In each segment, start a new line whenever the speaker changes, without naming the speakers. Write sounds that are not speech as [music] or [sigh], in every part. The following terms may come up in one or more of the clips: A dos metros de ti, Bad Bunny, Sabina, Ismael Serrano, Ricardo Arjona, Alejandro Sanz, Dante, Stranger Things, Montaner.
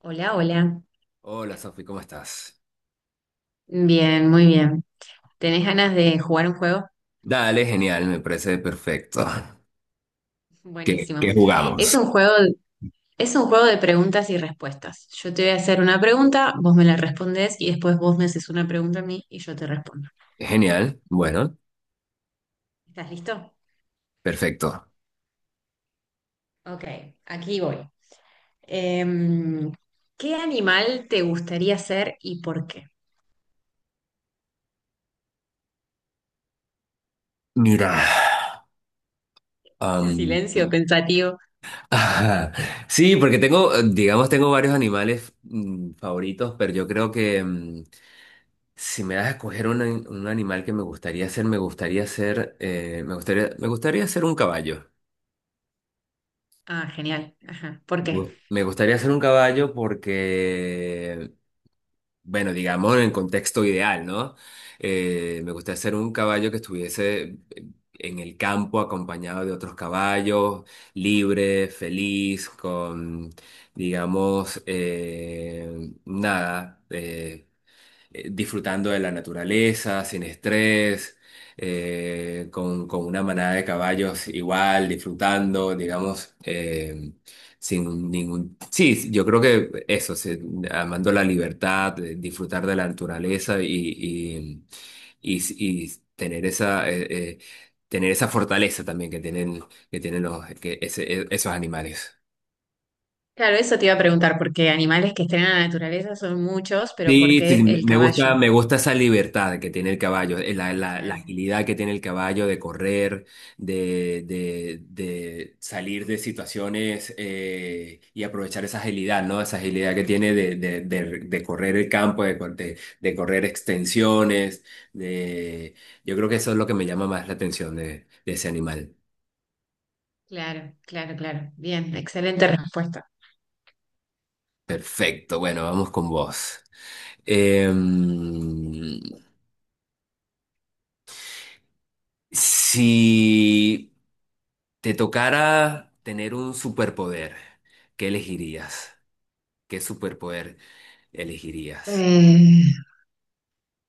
Hola, hola.
Hola Sofi, ¿cómo estás?
Bien, muy bien. ¿Tenés ganas de jugar un juego?
Dale, genial, me parece perfecto. [laughs]
[laughs]
¿Qué,
Buenísimo.
qué
Es
jugamos?
un juego, es un juego de preguntas y respuestas. Yo te voy a hacer una pregunta, vos me la respondes y después vos me haces una pregunta a mí y yo te respondo.
Genial, bueno,
¿Estás listo?
perfecto.
Ok, aquí voy. Em, ¿Qué animal te gustaría ser y por qué?
Mira,
Ese
am,
silencio pensativo.
[laughs] ajá. Sí, porque tengo, digamos, tengo varios animales favoritos, pero yo creo que si me das a escoger un animal que me gustaría ser, me gustaría ser, me gustaría ser un caballo.
Ah, genial. Ajá. ¿Por qué?
Me gustaría ser un caballo porque bueno, digamos en el contexto ideal, ¿no? Me gustaría ser un caballo que estuviese en el campo acompañado de otros caballos, libre, feliz, con, digamos, nada. Disfrutando de la naturaleza, sin estrés, con una manada de caballos igual, disfrutando, digamos, sin ningún... Sí, yo creo que eso, sí, amando la libertad, disfrutar de la naturaleza y tener esa fortaleza también que tienen, que tienen que esos animales.
Claro, eso te iba a preguntar, porque animales que estén en la naturaleza son muchos, pero ¿por
Sí, sí,
qué el caballo?
me gusta esa libertad que tiene el caballo, la
Claro,
agilidad que tiene el caballo de correr, de salir de situaciones y aprovechar esa agilidad, ¿no? Esa agilidad que tiene de correr el campo, de correr extensiones. De... Yo creo que eso es lo que me llama más la atención de ese animal.
claro, claro, claro. Bien, excelente respuesta.
Perfecto, bueno, vamos con vos. Em, si te tocara tener un superpoder. ¿Qué elegirías? ¿Qué superpoder elegirías?
Eh,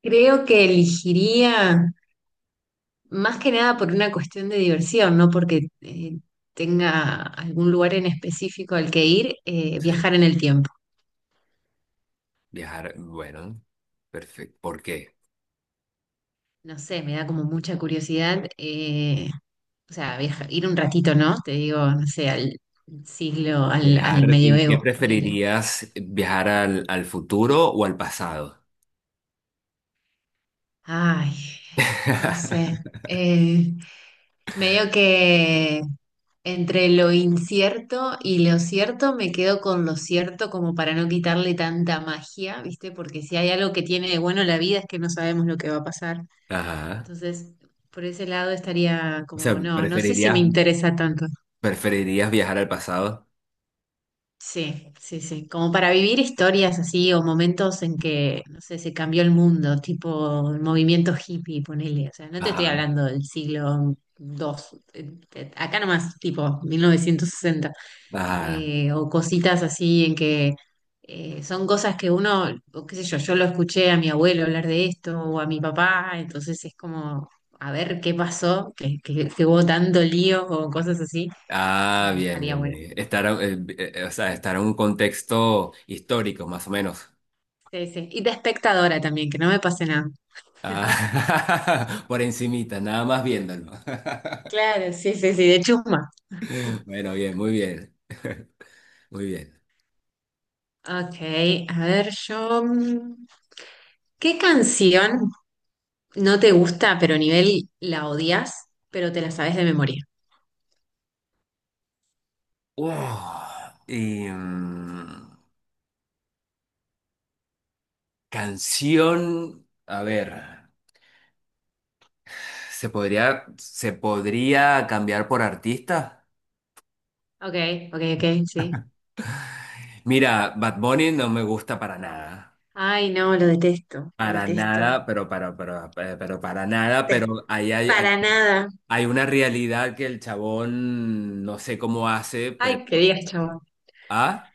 creo que elegiría más que nada por una cuestión de diversión, no porque tenga algún lugar en específico al que ir,
Sí.
viajar en el tiempo.
Viajar, bueno, perfecto. ¿Por qué?
No sé, me da como mucha curiosidad, o sea, ir un ratito, ¿no? Te digo, no sé, al siglo, al
Viajar, ¿y qué
medioevo, ponele.
preferirías? ¿Viajar al, al futuro o al pasado?
Ay, no
[laughs]
sé. Eh, medio que entre lo incierto y lo cierto me quedo con lo cierto como para no quitarle tanta magia, ¿viste? Porque si hay algo que tiene de bueno la vida es que no sabemos lo que va a pasar.
Ajá.
Entonces, por ese lado estaría
O sea,
como, no, no sé si me
¿preferirías,
interesa tanto.
preferirías viajar al pasado?
Sí, sí, sí. Como para vivir historias así o momentos en que, no sé, se cambió el mundo, tipo el movimiento hippie, ponele. O sea, no te estoy
Ajá.
hablando del siglo dos. Acá nomás, tipo 1960.
Ajá.
O cositas así en que son cosas que uno, o qué sé yo, yo lo escuché a mi abuelo hablar de esto o a mi papá, entonces es como a ver qué pasó, que hubo tanto lío o cosas así,
Ah,
que
bien,
estaría
bien,
bueno.
bien. Estar, o sea, estar en un contexto histórico, más o menos.
Sí, sí. Y de espectadora también, que no me pase nada.
Ah,
[laughs]
[laughs] por encimita, nada más viéndolo. [laughs]
Claro, sí, sí, sí, de chuma.
Bueno, bien, muy bien. [laughs] Muy bien.
Ok, a ver, yo. ¿Qué canción no te gusta, pero a nivel la odias, pero te la sabes de memoria?
Uf, y, mm, canción, a ver, se podría cambiar por artista?
Ok, ok, ok, sí.
Mira, Bad Bunny no me gusta para nada.
Ay, no, lo detesto, lo
Para
detesto.
nada, pero para, pero, pero para nada,
Es
pero ahí hay,
Para nada.
hay una realidad que el chabón no sé cómo hace, pero...
Ay, que digas chabón.
¿Ah?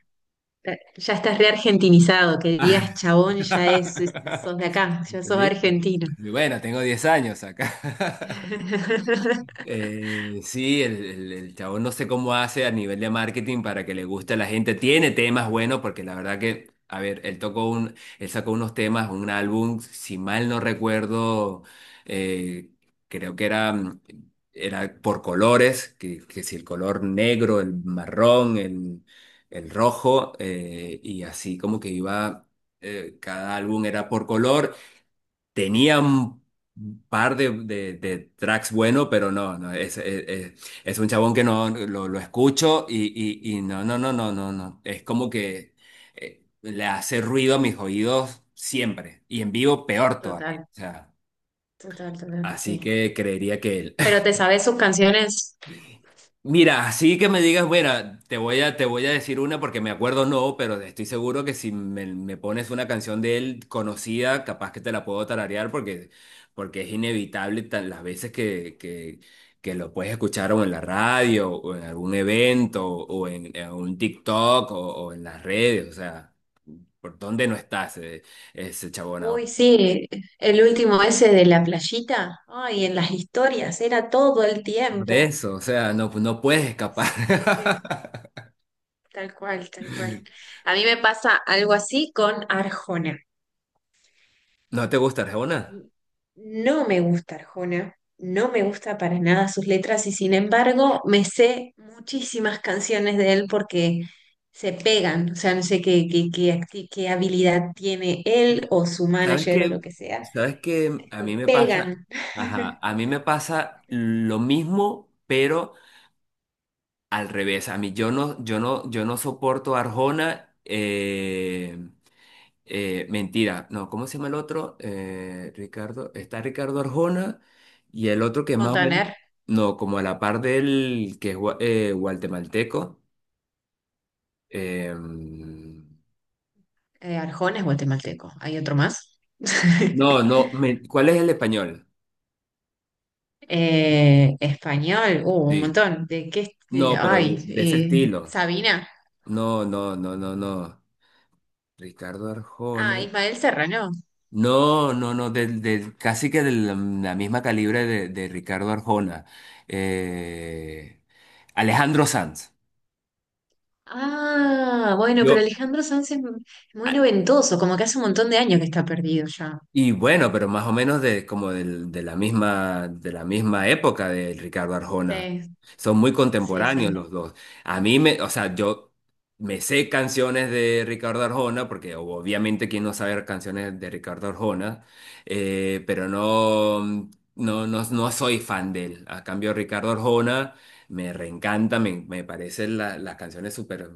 Ya estás reargentinizado que digas chabón, ya es,
[laughs]
sos de acá, ya sos
¿Viste?
argentino.
Y bueno, tengo 10 años acá. [laughs]
[laughs]
Sí, el chabón no sé cómo hace a nivel de marketing para que le guste a la gente. Tiene temas buenos, porque la verdad que, a ver, él sacó unos temas, un álbum, si mal no recuerdo, eh, creo que era, era por colores, que si el color negro, el marrón, el rojo, y así como que iba, cada álbum era por color. Tenía un par de tracks buenos, pero no, es un chabón que no lo escucho y, y no, no, no, no, no, no. Es como que le hace ruido a mis oídos siempre y en vivo peor todavía.
Total,
O sea,
total, total, sí.
así que creería que él.
Pero te sabes sus canciones.
Mira, así que me digas, bueno, te voy a decir una porque me acuerdo no, pero estoy seguro que si me, me pones una canción de él conocida, capaz que te la puedo tararear porque, porque es inevitable las veces que lo puedes escuchar o en la radio o en algún evento o en un TikTok o en las redes, o sea, ¿por dónde no está ese, ese chabón
Uy,
aún?
sí, el último ese de la playita. Ay, en las historias, era todo el
Por
tiempo.
eso, o sea, no, no puedes escapar.
Sí, sí, sí,
[laughs]
tal cual, tal cual. A mí me pasa algo así con Arjona.
¿No te gusta Arjona?
Y no me gusta Arjona, no me gusta para nada sus letras y sin embargo me sé muchísimas canciones de él porque se pegan, o sea, no sé qué, qué habilidad tiene él o su
¿Sabes
manager o lo
qué?
que sea,
¿Sabes qué? A
se
mí me pasa,
pegan.
ajá, a mí me pasa lo mismo, pero al revés. A mí yo no soporto Arjona. Mentira, no, ¿cómo se llama el otro? Ricardo, está Ricardo Arjona y el otro que más o menos,
Montaner,
no, como a la par del que es guatemalteco. eh,
Arjona es guatemalteco, hay otro más.
no,
[laughs]
no, ¿cuál es el español?
Español, un
Sí,
montón. ¿De qué? est-
no, pero
Ay,
de ese
eh,
estilo.
Sabina.
No, no, no, no, no. Ricardo
Ah,
Arjona.
Ismael Serrano.
No, no, no, casi que de la, la misma calibre de Ricardo Arjona. Eh, Alejandro Sanz.
Ah, bueno, pero
Yo.
Alejandro Sanz es muy noventoso, como que hace un montón de años que está perdido ya.
Y bueno, pero más o menos de, como de la misma época de Ricardo Arjona.
Sí,
Son muy
sí,
contemporáneos
sí.
los dos. A mí me, o sea, yo me sé canciones de Ricardo Arjona, porque obviamente quién no sabe canciones de Ricardo Arjona, pero no, no, no, no soy fan de él. A cambio, Ricardo Arjona me reencanta, me parecen las canciones súper...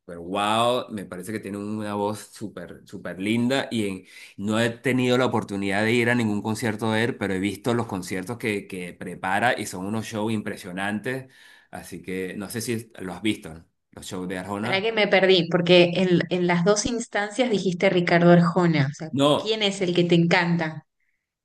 súper wow, me parece que tiene una voz súper, súper linda y no he tenido la oportunidad de ir a ningún concierto de él, pero he visto los conciertos que prepara y son unos shows impresionantes. Así que no sé si lo has visto, ¿no? Los shows de
¿Para
Arjona.
qué me perdí? Porque en las dos instancias dijiste Ricardo Arjona. O sea,
No,
¿quién es el que te encanta?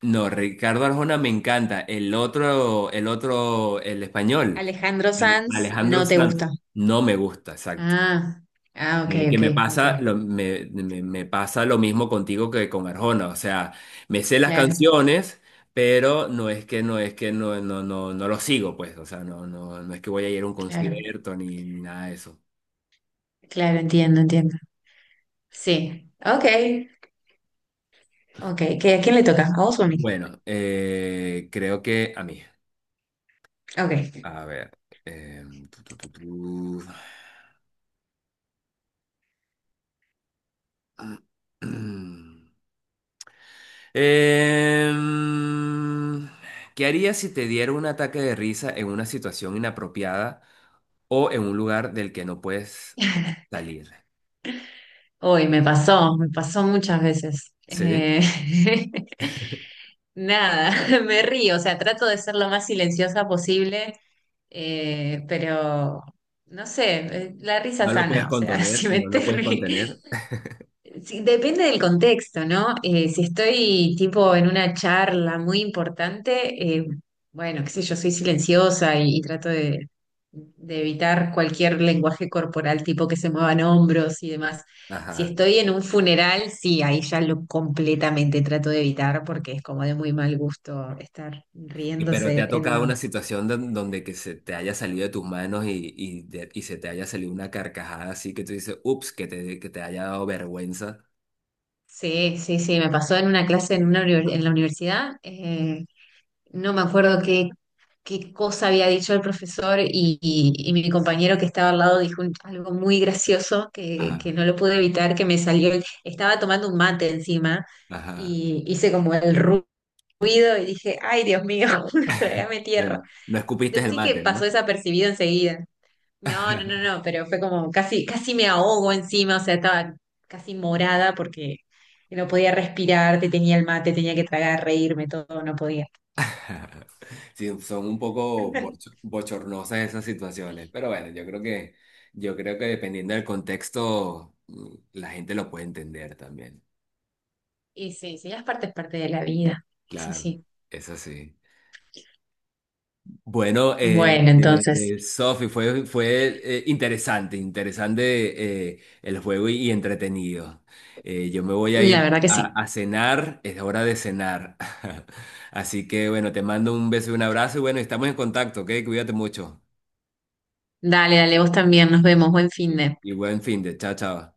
no, Ricardo Arjona me encanta. El otro, el otro, el español,
Alejandro Sanz
Alejandro
no te
Sanz,
gusta.
no me gusta, exacto.
Ah, ah, ok,
Que
ok,
me
ok.
pasa, lo, me- Me pasa lo mismo contigo que con Arjona. O sea, me sé las
Claro,
canciones, pero no es que no es que no, no, no, no lo sigo, pues. O sea, no, no, no es que voy a ir a un
claro,
concierto ni, ni nada de eso.
claro, entiendo, entiendo. Sí, ok, ok. ¿Qué, a quién le toca? ¿A vos o a mí?
Bueno, creo que a mí.
Ok.
A ver. Eh, tu, tu, tu, tu. [clears throat] Em, ¿Qué harías si te diera un ataque de risa en una situación inapropiada o en un lugar del que no puedes
[laughs]
salir?
Uy, me pasó muchas veces.
¿Sí?
[laughs] Nada, [laughs] me río, o sea, trato de ser lo más silenciosa posible, pero no sé, la risa
No lo
sana,
puedes
o sea, [laughs]
contener,
si me
no
estoy,
lo puedes
ri-
contener.
Sí, depende del contexto, ¿no? Si estoy tipo en una charla muy importante, bueno, qué sé yo, soy silenciosa y trato de evitar cualquier lenguaje corporal tipo que se muevan hombros y demás. Si
Ajá.
estoy en un funeral, sí, ahí ya lo completamente trato de evitar porque es como de muy mal gusto estar
Y, pero te
riéndose
ha
en
tocado
un...
una situación donde que se te haya salido de tus manos y se te haya salido una carcajada así que tú dices, ups, que te haya dado vergüenza.
Sí, sí, sí, me pasó en una clase en, una, en la universidad. No me acuerdo qué, qué cosa había dicho el profesor y, y mi compañero que estaba al lado dijo algo muy gracioso que
Ajá,
no lo pude evitar, que me salió, estaba tomando un mate encima
ajá.
y hice como el ruido y dije, ay Dios mío, [laughs] trágame tierra.
Bueno, no escupiste el
Decí que
mate,
pasó
¿no?
desapercibido enseguida. No, no, no,
[laughs]
no, pero fue como casi, casi me ahogo encima, o sea, estaba casi morada porque no podía respirar, te tenía el mate, tenía que tragar, reírme, todo, no podía.
Sí, son un poco
[laughs]
bochornosas esas situaciones, pero bueno, yo creo que dependiendo del contexto, la gente lo puede entender también.
Y sí, sí, las partes parte de la vida. Eso
Claro,
sí.
es así. Bueno,
Bueno, entonces,
Sofi, fue, fue interesante, interesante el juego y entretenido. Yo me voy a
la
ir
verdad que sí.
a cenar, es hora de cenar. [laughs] Así que bueno, te mando un beso y un abrazo y bueno, estamos en contacto, ¿ok? Cuídate mucho.
Dale, dale, vos también. Nos vemos. Buen fin de.
Y buen fin de, chao, chao.